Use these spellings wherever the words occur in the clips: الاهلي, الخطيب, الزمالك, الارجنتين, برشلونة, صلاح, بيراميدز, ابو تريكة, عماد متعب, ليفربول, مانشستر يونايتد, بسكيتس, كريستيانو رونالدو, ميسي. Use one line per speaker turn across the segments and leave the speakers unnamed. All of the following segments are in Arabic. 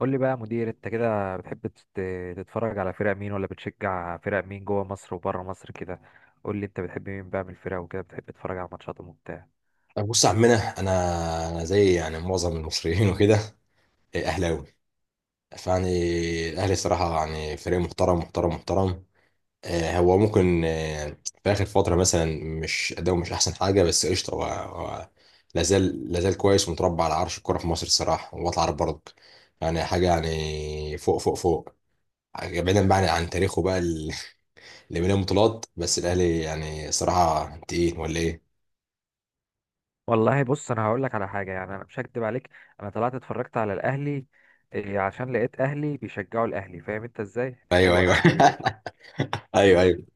قول لي بقى يا مدير، انت كده بتحب تتفرج على فرق مين ولا بتشجع فرق مين جوه مصر وبره مصر كده؟ قول لي انت بتحب مين بقى من الفرق وكده، بتحب تتفرج على ماتشاتهم وبتاع؟
بص يا عمنا، انا زي، يعني، معظم المصريين وكده. إيه، اهلاوي. فيعني الاهلي صراحه يعني فريق محترم محترم محترم. هو ممكن، في اخر فتره مثلا، مش اداؤه مش احسن حاجه، بس قشطه. هو لا زال كويس ومتربع على عرش الكوره في مصر الصراحه. وطلع عارف برضك يعني حاجه يعني فوق فوق فوق. بعيدا بقى عن تاريخه بقى اللي مليان بطولات. بس الاهلي يعني صراحه تقيل، ولا ايه؟
والله بص، انا هقول لك على حاجه. يعني انا مش هكدب عليك، انا طلعت اتفرجت على الاهلي إيه، عشان لقيت اهلي بيشجعوا الاهلي. فاهم انت ازاي؟
ايوه،
حلو،
ايوه.
اهلي بيشجعوا.
ايوه، ايوه.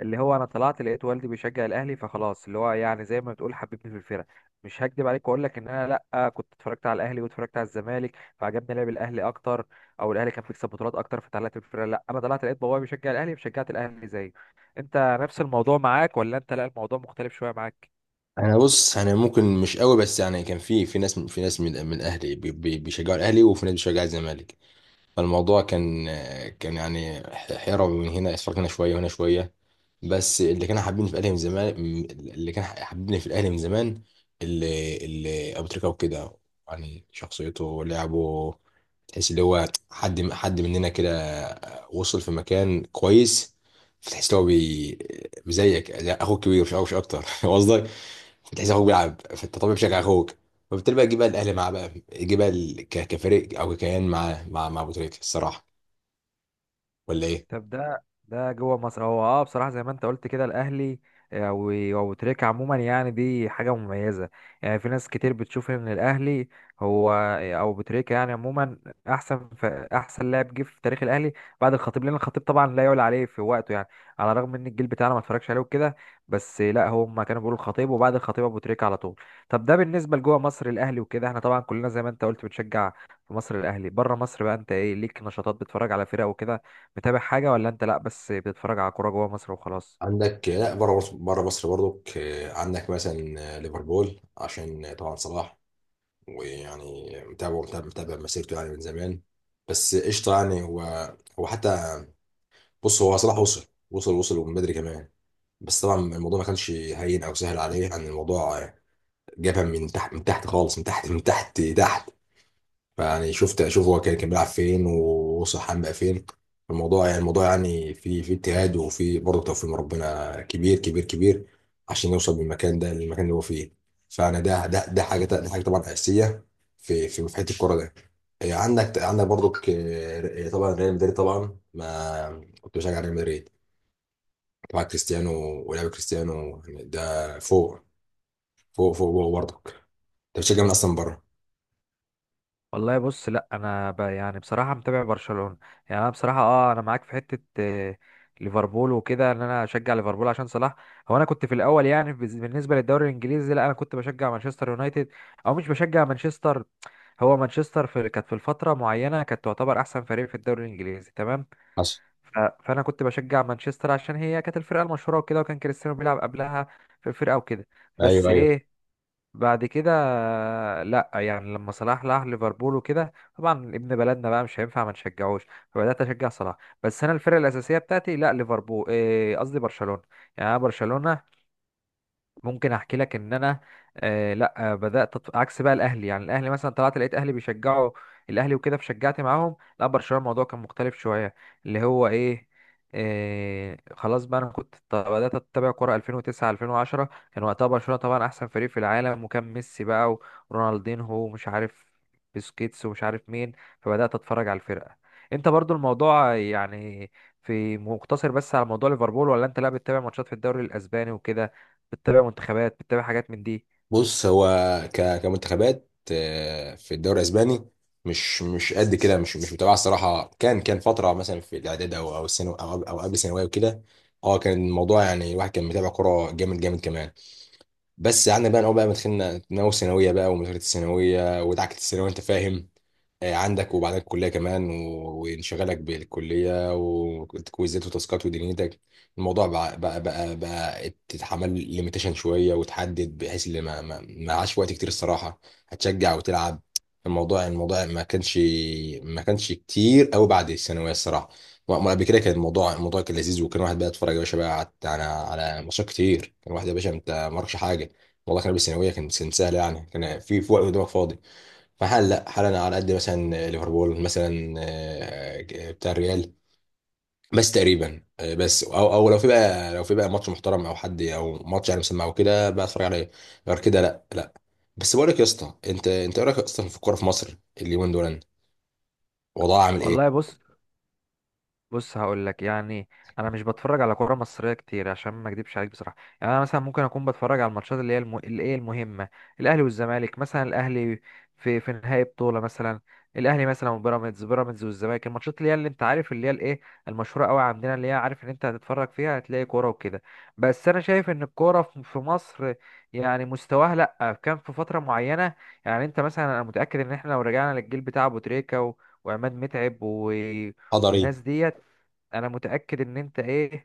اللي هو انا طلعت لقيت والدي بيشجع الاهلي، فخلاص اللي هو يعني زي ما بتقول حببني في الفرقه. مش هكدب عليك واقول لك ان انا لا كنت اتفرجت على الاهلي واتفرجت على الزمالك فعجبني لعب الاهلي اكتر، او الاهلي كان بيكسب بطولات اكتر فطلعت في الفرقه. لا، انا طلعت لقيت بابايا بيشجع الاهلي فشجعت الاهلي زيه. انت نفس الموضوع معاك ولا انت لا، الموضوع مختلف شويه معاك؟
بص، انا ممكن مش قوي، بس يعني كان في ناس من اهلي بيشجعوا الاهلي، وفي ناس بيشجعوا الزمالك. فالموضوع كان، يعني، حيرة، من هنا اسفار، هنا شويه وهنا شويه. بس اللي كانوا حابيني في الاهلي من زمان، اللي كان حابيني في الاهلي من زمان اللي ابو تريكه وكده. يعني شخصيته ولعبه تحس اللي هو حد مننا كده وصل في مكان كويس. فتحس اللي هو زيك زي اخوك كبير، مش اكتر. قصدك بتحس اخوك بيلعب، فانت طبيعي بتشجع اخوك. فبالتالي بقى جه بقى الاهلي معاه بقى جه بقى كفريق او كيان مع ابو تريكه الصراحه، ولا ايه؟
طب ده جوه مصر. هو بصراحه زي ما انت قلت كده الاهلي، او تريكة عموما، يعني دي حاجه مميزه. يعني في ناس كتير بتشوف ان الاهلي هو، او بتريكة يعني، عموما احسن احسن لاعب جه في تاريخ الاهلي بعد الخطيب، لان الخطيب طبعا لا يعلى عليه في وقته يعني. على الرغم ان الجيل بتاعنا ما اتفرجش عليه وكده، بس لا، هم كانوا بيقولوا الخطيب وبعد الخطيب ابو تريكة على طول. طب ده بالنسبه لجوه مصر الاهلي وكده، احنا طبعا كلنا زي ما انت قلت بتشجع في مصر الاهلي. بره مصر بقى انت ايه ليك نشاطات بتتفرج على فرق وكده، متابع حاجة ولا انت لا، بس بتتفرج على كورة جوه مصر وخلاص؟
عندك لا، بره مصر، برضك، عندك مثلا، ليفربول عشان طبعا صلاح. ويعني متابع مسيرته يعني من زمان. بس قشطه. يعني هو حتى، بص، هو صلاح وصل، ومن بدري كمان. بس طبعا الموضوع ما كانش هين او سهل عليه. يعني الموضوع جابها من تحت، من تحت خالص، من تحت، من تحت. يعني اشوف هو كان بيلعب فين ووصل حام بقى فين. الموضوع يعني، الموضوع يعني، في اجتهاد وفي برضه توفيق من ربنا كبير كبير كبير، عشان يوصل بالمكان ده للمكان اللي هو فيه. فانا ده حاجه، ده حاجه طبعا اساسيه في حته الكوره ده. إيه، عندك، برضه طبعا ريال مدريد. طبعا ما كنت بشجع ريال مدريد. طبعا كريستيانو ولعب كريستيانو، يعني ده فوق فوق فوق فوق برضك انت. بتشجع من اصلا بره.
والله بص، لا انا يعني بصراحة متابع برشلونة. يعني انا بصراحة، انا معاك في حتة، ليفربول وكده، ان انا اشجع ليفربول عشان صلاح. هو انا كنت في الاول يعني، بالنسبة للدوري الانجليزي، لا انا كنت بشجع مانشستر يونايتد. او مش بشجع مانشستر، هو مانشستر كانت في الفترة معينة، كانت تعتبر احسن فريق في الدوري الانجليزي، تمام.
حصل.
فانا كنت بشجع مانشستر عشان هي كانت الفرقة المشهورة وكده، وكان كريستيانو بيلعب قبلها في الفرقة وكده. بس
ايوه، ايوه.
ايه، بعد كده، لا يعني لما صلاح راح ليفربول وكده، طبعا ابن بلدنا بقى مش هينفع ما نشجعوش، فبدات اشجع صلاح. بس انا الفرقه الاساسيه بتاعتي لا، ليفربول، قصدي برشلونه. يعني انا برشلونه، ممكن احكي لك ان انا لا، بدات عكس بقى الاهلي. يعني الاهلي مثلا طلعت لقيت اهلي بيشجعوا الاهلي وكده فشجعت معاهم، لا برشلونه الموضوع كان مختلف شويه. اللي هو ايه، خلاص بقى، انا كنت بدات اتابع كوره 2009 2010. كان وقتها برشلونه طبعا احسن فريق في العالم، وكان ميسي بقى ورونالدينهو ومش عارف بسكيتس ومش عارف مين. فبدات اتفرج على الفرقه. انت برضو الموضوع، يعني في مقتصر بس على موضوع ليفربول، ولا انت لا بتتابع ماتشات في الدوري الاسباني وكده، بتتابع منتخبات، بتتابع حاجات من دي؟
بص، هو كمنتخبات، في الدوري الاسباني، مش قد كده. مش متابعه الصراحه. كان فتره مثلا في الاعداد او الثانوي، او قبل الثانويه وكده. اه، كان الموضوع يعني، الواحد كان متابع كوره جامد جامد كمان. بس قعدنا بقى نقول بقى مدخلنا ناوي ثانويه بقى، ومذاكره الثانويه ودعكه الثانويه، انت فاهم. عندك وبعدين الكليه كمان، وانشغالك بالكليه، وكويزات وتاسكات ودنيتك. الموضوع بقى، بقى تتحمل ليميتيشن شويه، وتحدد بحيث اللي ما عاش وقت كتير الصراحه. هتشجع وتلعب. الموضوع، ما كانش، كتير قوي بعد الثانويه الصراحه. وأما قبل كده كان الموضوع، كان لذيذ، وكان واحد بقى يتفرج يا باشا بقى على، على على ماتشات كتير. كان واحد يا باشا انت ما وراكش حاجه. والله كان بالثانويه كان سهل. يعني كان في وقت قدامك فاضي. فحال لا حال، انا على قد مثلا ليفربول مثلا، بتاع الريال بس تقريبا، بس، او لو في بقى، لو في بقى ماتش محترم او حد او ماتش يعني مسمع او كده، بتفرج عليه. غير كده لا، لا. بس بقول لك يا اسطى، انت ايه رايك اصلا في الكوره في مصر اليومين دول؟ وضعها عامل ايه؟
والله بص هقول لك يعني، انا مش بتفرج على كوره مصريه كتير عشان ما اكدبش عليك بصراحه. يعني انا مثلا ممكن اكون بتفرج على الماتشات اللي هي اللي هي المهمه، الاهلي والزمالك مثلا، الاهلي في نهائي بطوله مثلا، الاهلي مثلا وبيراميدز، بيراميدز والزمالك، الماتشات اللي هي اللي انت عارف اللي هي الايه، المشهوره قوي عندنا، اللي هي عارف ان انت هتتفرج فيها هتلاقي كوره وكده. بس انا شايف ان الكوره في مصر يعني مستواها، لا كان في فتره معينه. يعني انت مثلا، انا متاكد ان احنا لو رجعنا للجيل بتاع ابو تريكه وعماد متعب و
قدري.
والناس ديت، انا متأكد ان انت ايه،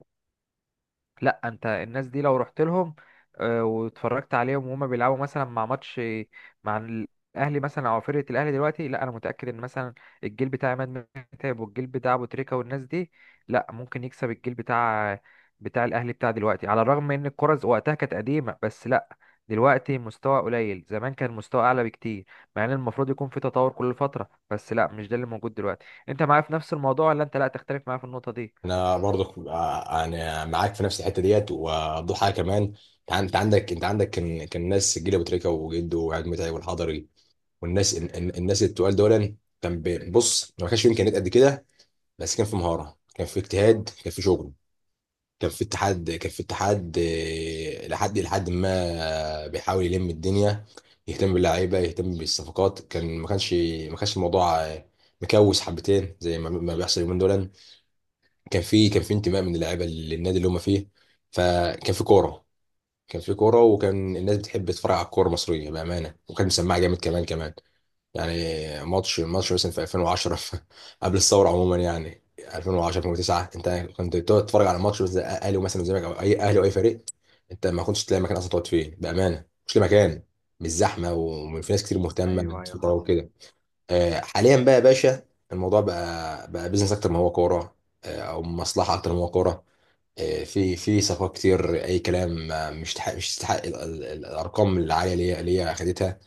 لا انت الناس دي لو رحت لهم واتفرجت عليهم وهما بيلعبوا مثلا مع ماتش، مع الاهلي مثلا او فرقه الاهلي دلوقتي، لا انا متاكد ان مثلا الجيل بتاع عماد متعب والجيل بتاع ابو تريكه والناس دي لا ممكن يكسب الجيل بتاع الاهلي بتاع دلوقتي، على الرغم ان الكره وقتها كانت قديمه. بس لا، دلوقتي مستوى قليل، زمان كان مستوى اعلى بكتير، مع ان المفروض يكون في تطور كل فتره، بس لا مش ده اللي موجود دلوقتي. انت معايا في نفس الموضوع ولا انت لا، تختلف معايا في النقطه دي؟
انا برضك، انا معاك في نفس الحته ديت. وضحى كمان انت عندك كان ناس جيل ابو تريكه وجده وعيد متعب والحضري، الناس التقال دول. كان بص، ما كانش فيه امكانيات قد كده. بس كان في مهاره، كان في اجتهاد، كان في شغل، كان في اتحاد، كان في اتحاد، لحد ما بيحاول يلم الدنيا، يهتم باللعيبه، يهتم بالصفقات. كان ما كانش، الموضوع، مكوس حبتين زي ما بيحصل اليومين دول. كان في، انتماء من اللعيبه للنادي اللي هم فيه. فكان في كوره، وكان الناس بتحب تتفرج على الكوره المصريه بامانه، وكان مسمعه جامد كمان كمان. يعني ماتش مثلا في 2010، قبل الثوره عموما. يعني 2010، 2009، انت كنت بتقعد تتفرج على ماتش زي اهلي ومثلا والزمالك، او اي اهلي او اي فريق، انت ما كنتش تلاقي مكان اصلا تقعد فيه بامانه. مش لاقي مكان، مش زحمه، وفي ناس كتير مهتمه بالكوره وكده. حاليا بقى يا باشا الموضوع بقى، بيزنس اكتر ما هو كوره، او مصلحه اكتر ما هو كوره. في صفقات كتير اي كلام، مش تستحق الارقام العاليه اللي هي خدتها.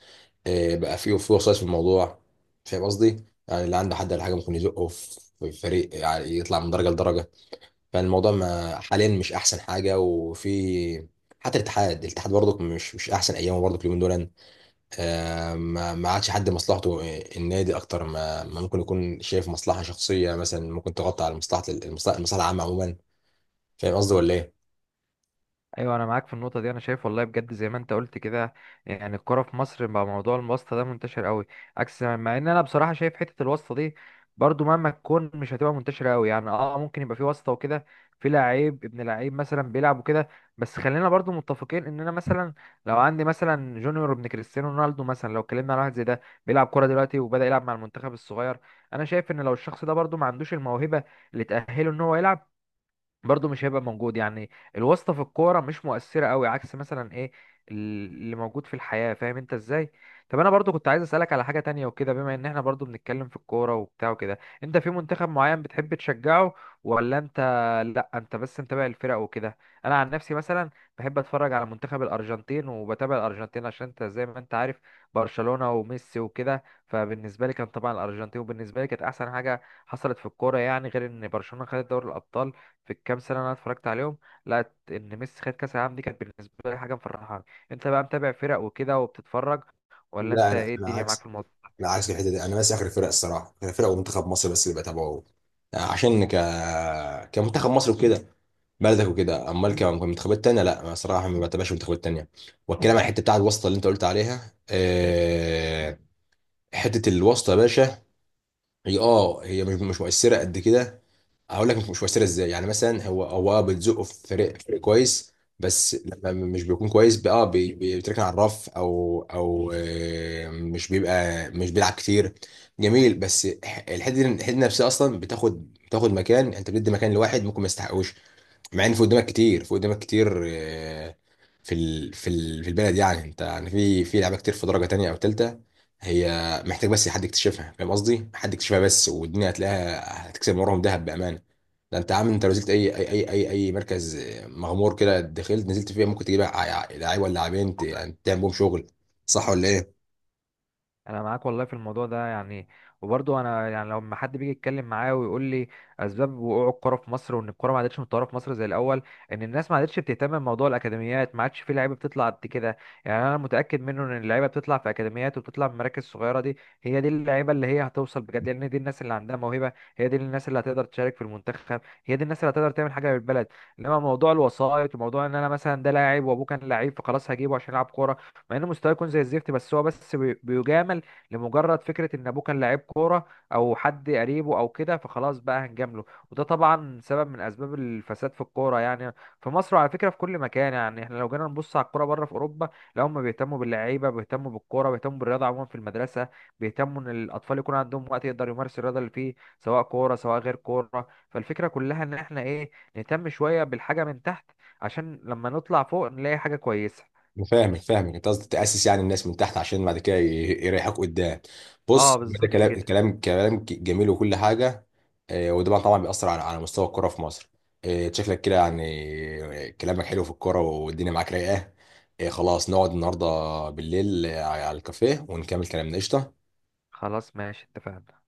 بقى فيه في وسواس في الموضوع. فاهم قصدي؟ يعني اللي عنده حد ولا حاجه ممكن يزقه في فريق، يعني يطلع من درجه لدرجه. فالموضوع ما، حاليا مش احسن حاجه. وفي حتى الاتحاد، الاتحاد برضك مش احسن ايامه برضك اليومين دول. ما عادش حد مصلحته، النادي اكتر ما ممكن يكون شايف مصلحه شخصيه، مثلا ممكن تغطي على مصلحه، المصلحه المصلحه العامه عموما. فاهم قصدي ولا ايه؟
ايوه، انا معاك في النقطه دي، انا شايف والله بجد زي ما انت قلت كده. يعني الكوره في مصر بقى موضوع الواسطه ده منتشر قوي، عكس مع ان انا بصراحه شايف حته الواسطه دي برضو مهما تكون مش هتبقى منتشره قوي. يعني ممكن يبقى في واسطه وكده، في لعيب ابن لعيب مثلا بيلعب وكده، بس خلينا برضو متفقين ان انا مثلا لو عندي مثلا جونيور ابن كريستيانو رونالدو مثلا، لو اتكلمنا على واحد زي ده بيلعب كوره دلوقتي وبدا يلعب مع المنتخب الصغير، انا شايف ان لو الشخص ده برضو ما عندوش الموهبه اللي تاهله ان هو يلعب، برضه مش هيبقى موجود. يعني الواسطة في الكورة مش مؤثرة قوي عكس مثلا ايه اللي موجود في الحياة. فاهم انت ازاي؟ طب انا برضه كنت عايز اسألك على حاجة تانية وكده، بما ان احنا برضه بنتكلم في الكورة وبتاع وكده، انت في منتخب معين بتحب تشجعه ولا انت لا، انت بس متابع الفرق وكده؟ انا عن نفسي مثلا بحب اتفرج على منتخب الارجنتين وبتابع الارجنتين عشان انت زي ما انت عارف برشلونة وميسي وكده، فبالنسبة لي كان طبعا الارجنتين، وبالنسبة لي كانت احسن حاجة حصلت في الكورة يعني، غير ان برشلونة خدت دوري الابطال في الكام سنه اللي انا اتفرجت عليهم، لقيت ان ميسي خد كاس العالم، دي كانت بالنسبه لي حاجه مفرحاني. انت بقى متابع فرق وكده وبتتفرج، ولا
لا،
انت
انا
ايه
انا
الدنيا معاك
عكس،
في الموضوع؟
لا عكس الحته دي. انا بس اخر فرق الصراحه، اخر فرق ومنتخب مصر بس اللي بتابعه. عشان كمنتخب مصر وكده، بلدك وكده. امال كمنتخبات تانية لا، انا صراحه ما بتابعش منتخبات تانية. والكلام عن الحته بتاعت الواسطه اللي انت قلت عليها، حته الواسطه يا باشا، هي اه هي مش مؤثره قد كده. هقول لك مش مؤثره ازاي. يعني مثلا هو اه، بتزقه في فريق، كويس. بس لما مش بيكون كويس بقى اه، بيتركن على الرف، او مش بيبقى، مش بيلعب كتير. جميل. بس الحته دي نفسها اصلا بتاخد، مكان. انت بتدي مكان لواحد ممكن ما يستحقوش، مع ان في قدامك كتير، في البلد يعني. انت يعني في لعيبه كتير في درجه تانية او تالتة، هي محتاج بس حد يكتشفها. فاهم قصدي؟ حد يكتشفها بس، والدنيا هتلاقيها، هتكسب من وراهم ذهب بامانه. ده انت عامل، انت لو نزلت أي مركز مغمور كده، دخلت نزلت فيه، ممكن تجيب لعيب ولا لاعبين يعني تعمل بهم شغل. صح ولا ايه؟
انا معاك والله في الموضوع ده يعني. وبرضه انا يعني لما حد بيجي يتكلم معايا ويقول لي اسباب وقوع الكوره في مصر وان الكوره ما عادتش متطوره في مصر زي الاول، ان الناس ما عادتش بتهتم بموضوع الاكاديميات، ما عادش في لعيبه بتطلع قد كده. يعني انا متاكد منه ان اللعيبه بتطلع في اكاديميات وبتطلع في مراكز صغيره دي، هي دي اللعيبه اللي هي هتوصل بجد، لان دي الناس اللي عندها موهبه، هي دي الناس اللي هتقدر تشارك في المنتخب، هي دي الناس اللي هتقدر تعمل حاجه للبلد. انما موضوع الوسائط وموضوع ان انا مثلا ده لاعب وابوه كان لعيب فخلاص هجيبه عشان يلعب كوره، مع انه مستواه يكون زي الزفت، بس هو بس بيجامل لمجرد فكره ان ابوه كان لعيب كوره او حد قريبه او كده، فخلاص بقى هنجامله. وده طبعا سبب من اسباب الفساد في الكوره يعني في مصر، وعلى فكره في كل مكان. يعني احنا لو جينا نبص على الكوره بره في اوروبا، لا هم بيهتموا باللعيبه، بيهتموا بالكوره، بيهتموا بالرياضه عموما في المدرسه، بيهتموا ان الاطفال يكون عندهم وقت يقدر يمارس الرياضه اللي فيه، سواء كوره سواء غير كوره. فالفكره كلها ان احنا ايه، نهتم شويه بالحاجه من تحت عشان لما نطلع فوق نلاقي حاجه كويسه.
أنا فاهمك انت. قصدك تاسس يعني الناس من تحت عشان بعد كده يريحوك قدام. بص
اه
هو ده
بالظبط
كلام،
كده.
كلام جميل وكل حاجه. وده طبعاً بيأثر على مستوى الكرة في مصر. شكلك كده، يعني، كلامك حلو في الكرة والدنيا معاك رايقه. خلاص، نقعد النهارده بالليل، على الكافيه ونكمل كلامنا قشطه.
خلاص ماشي، اتفقنا.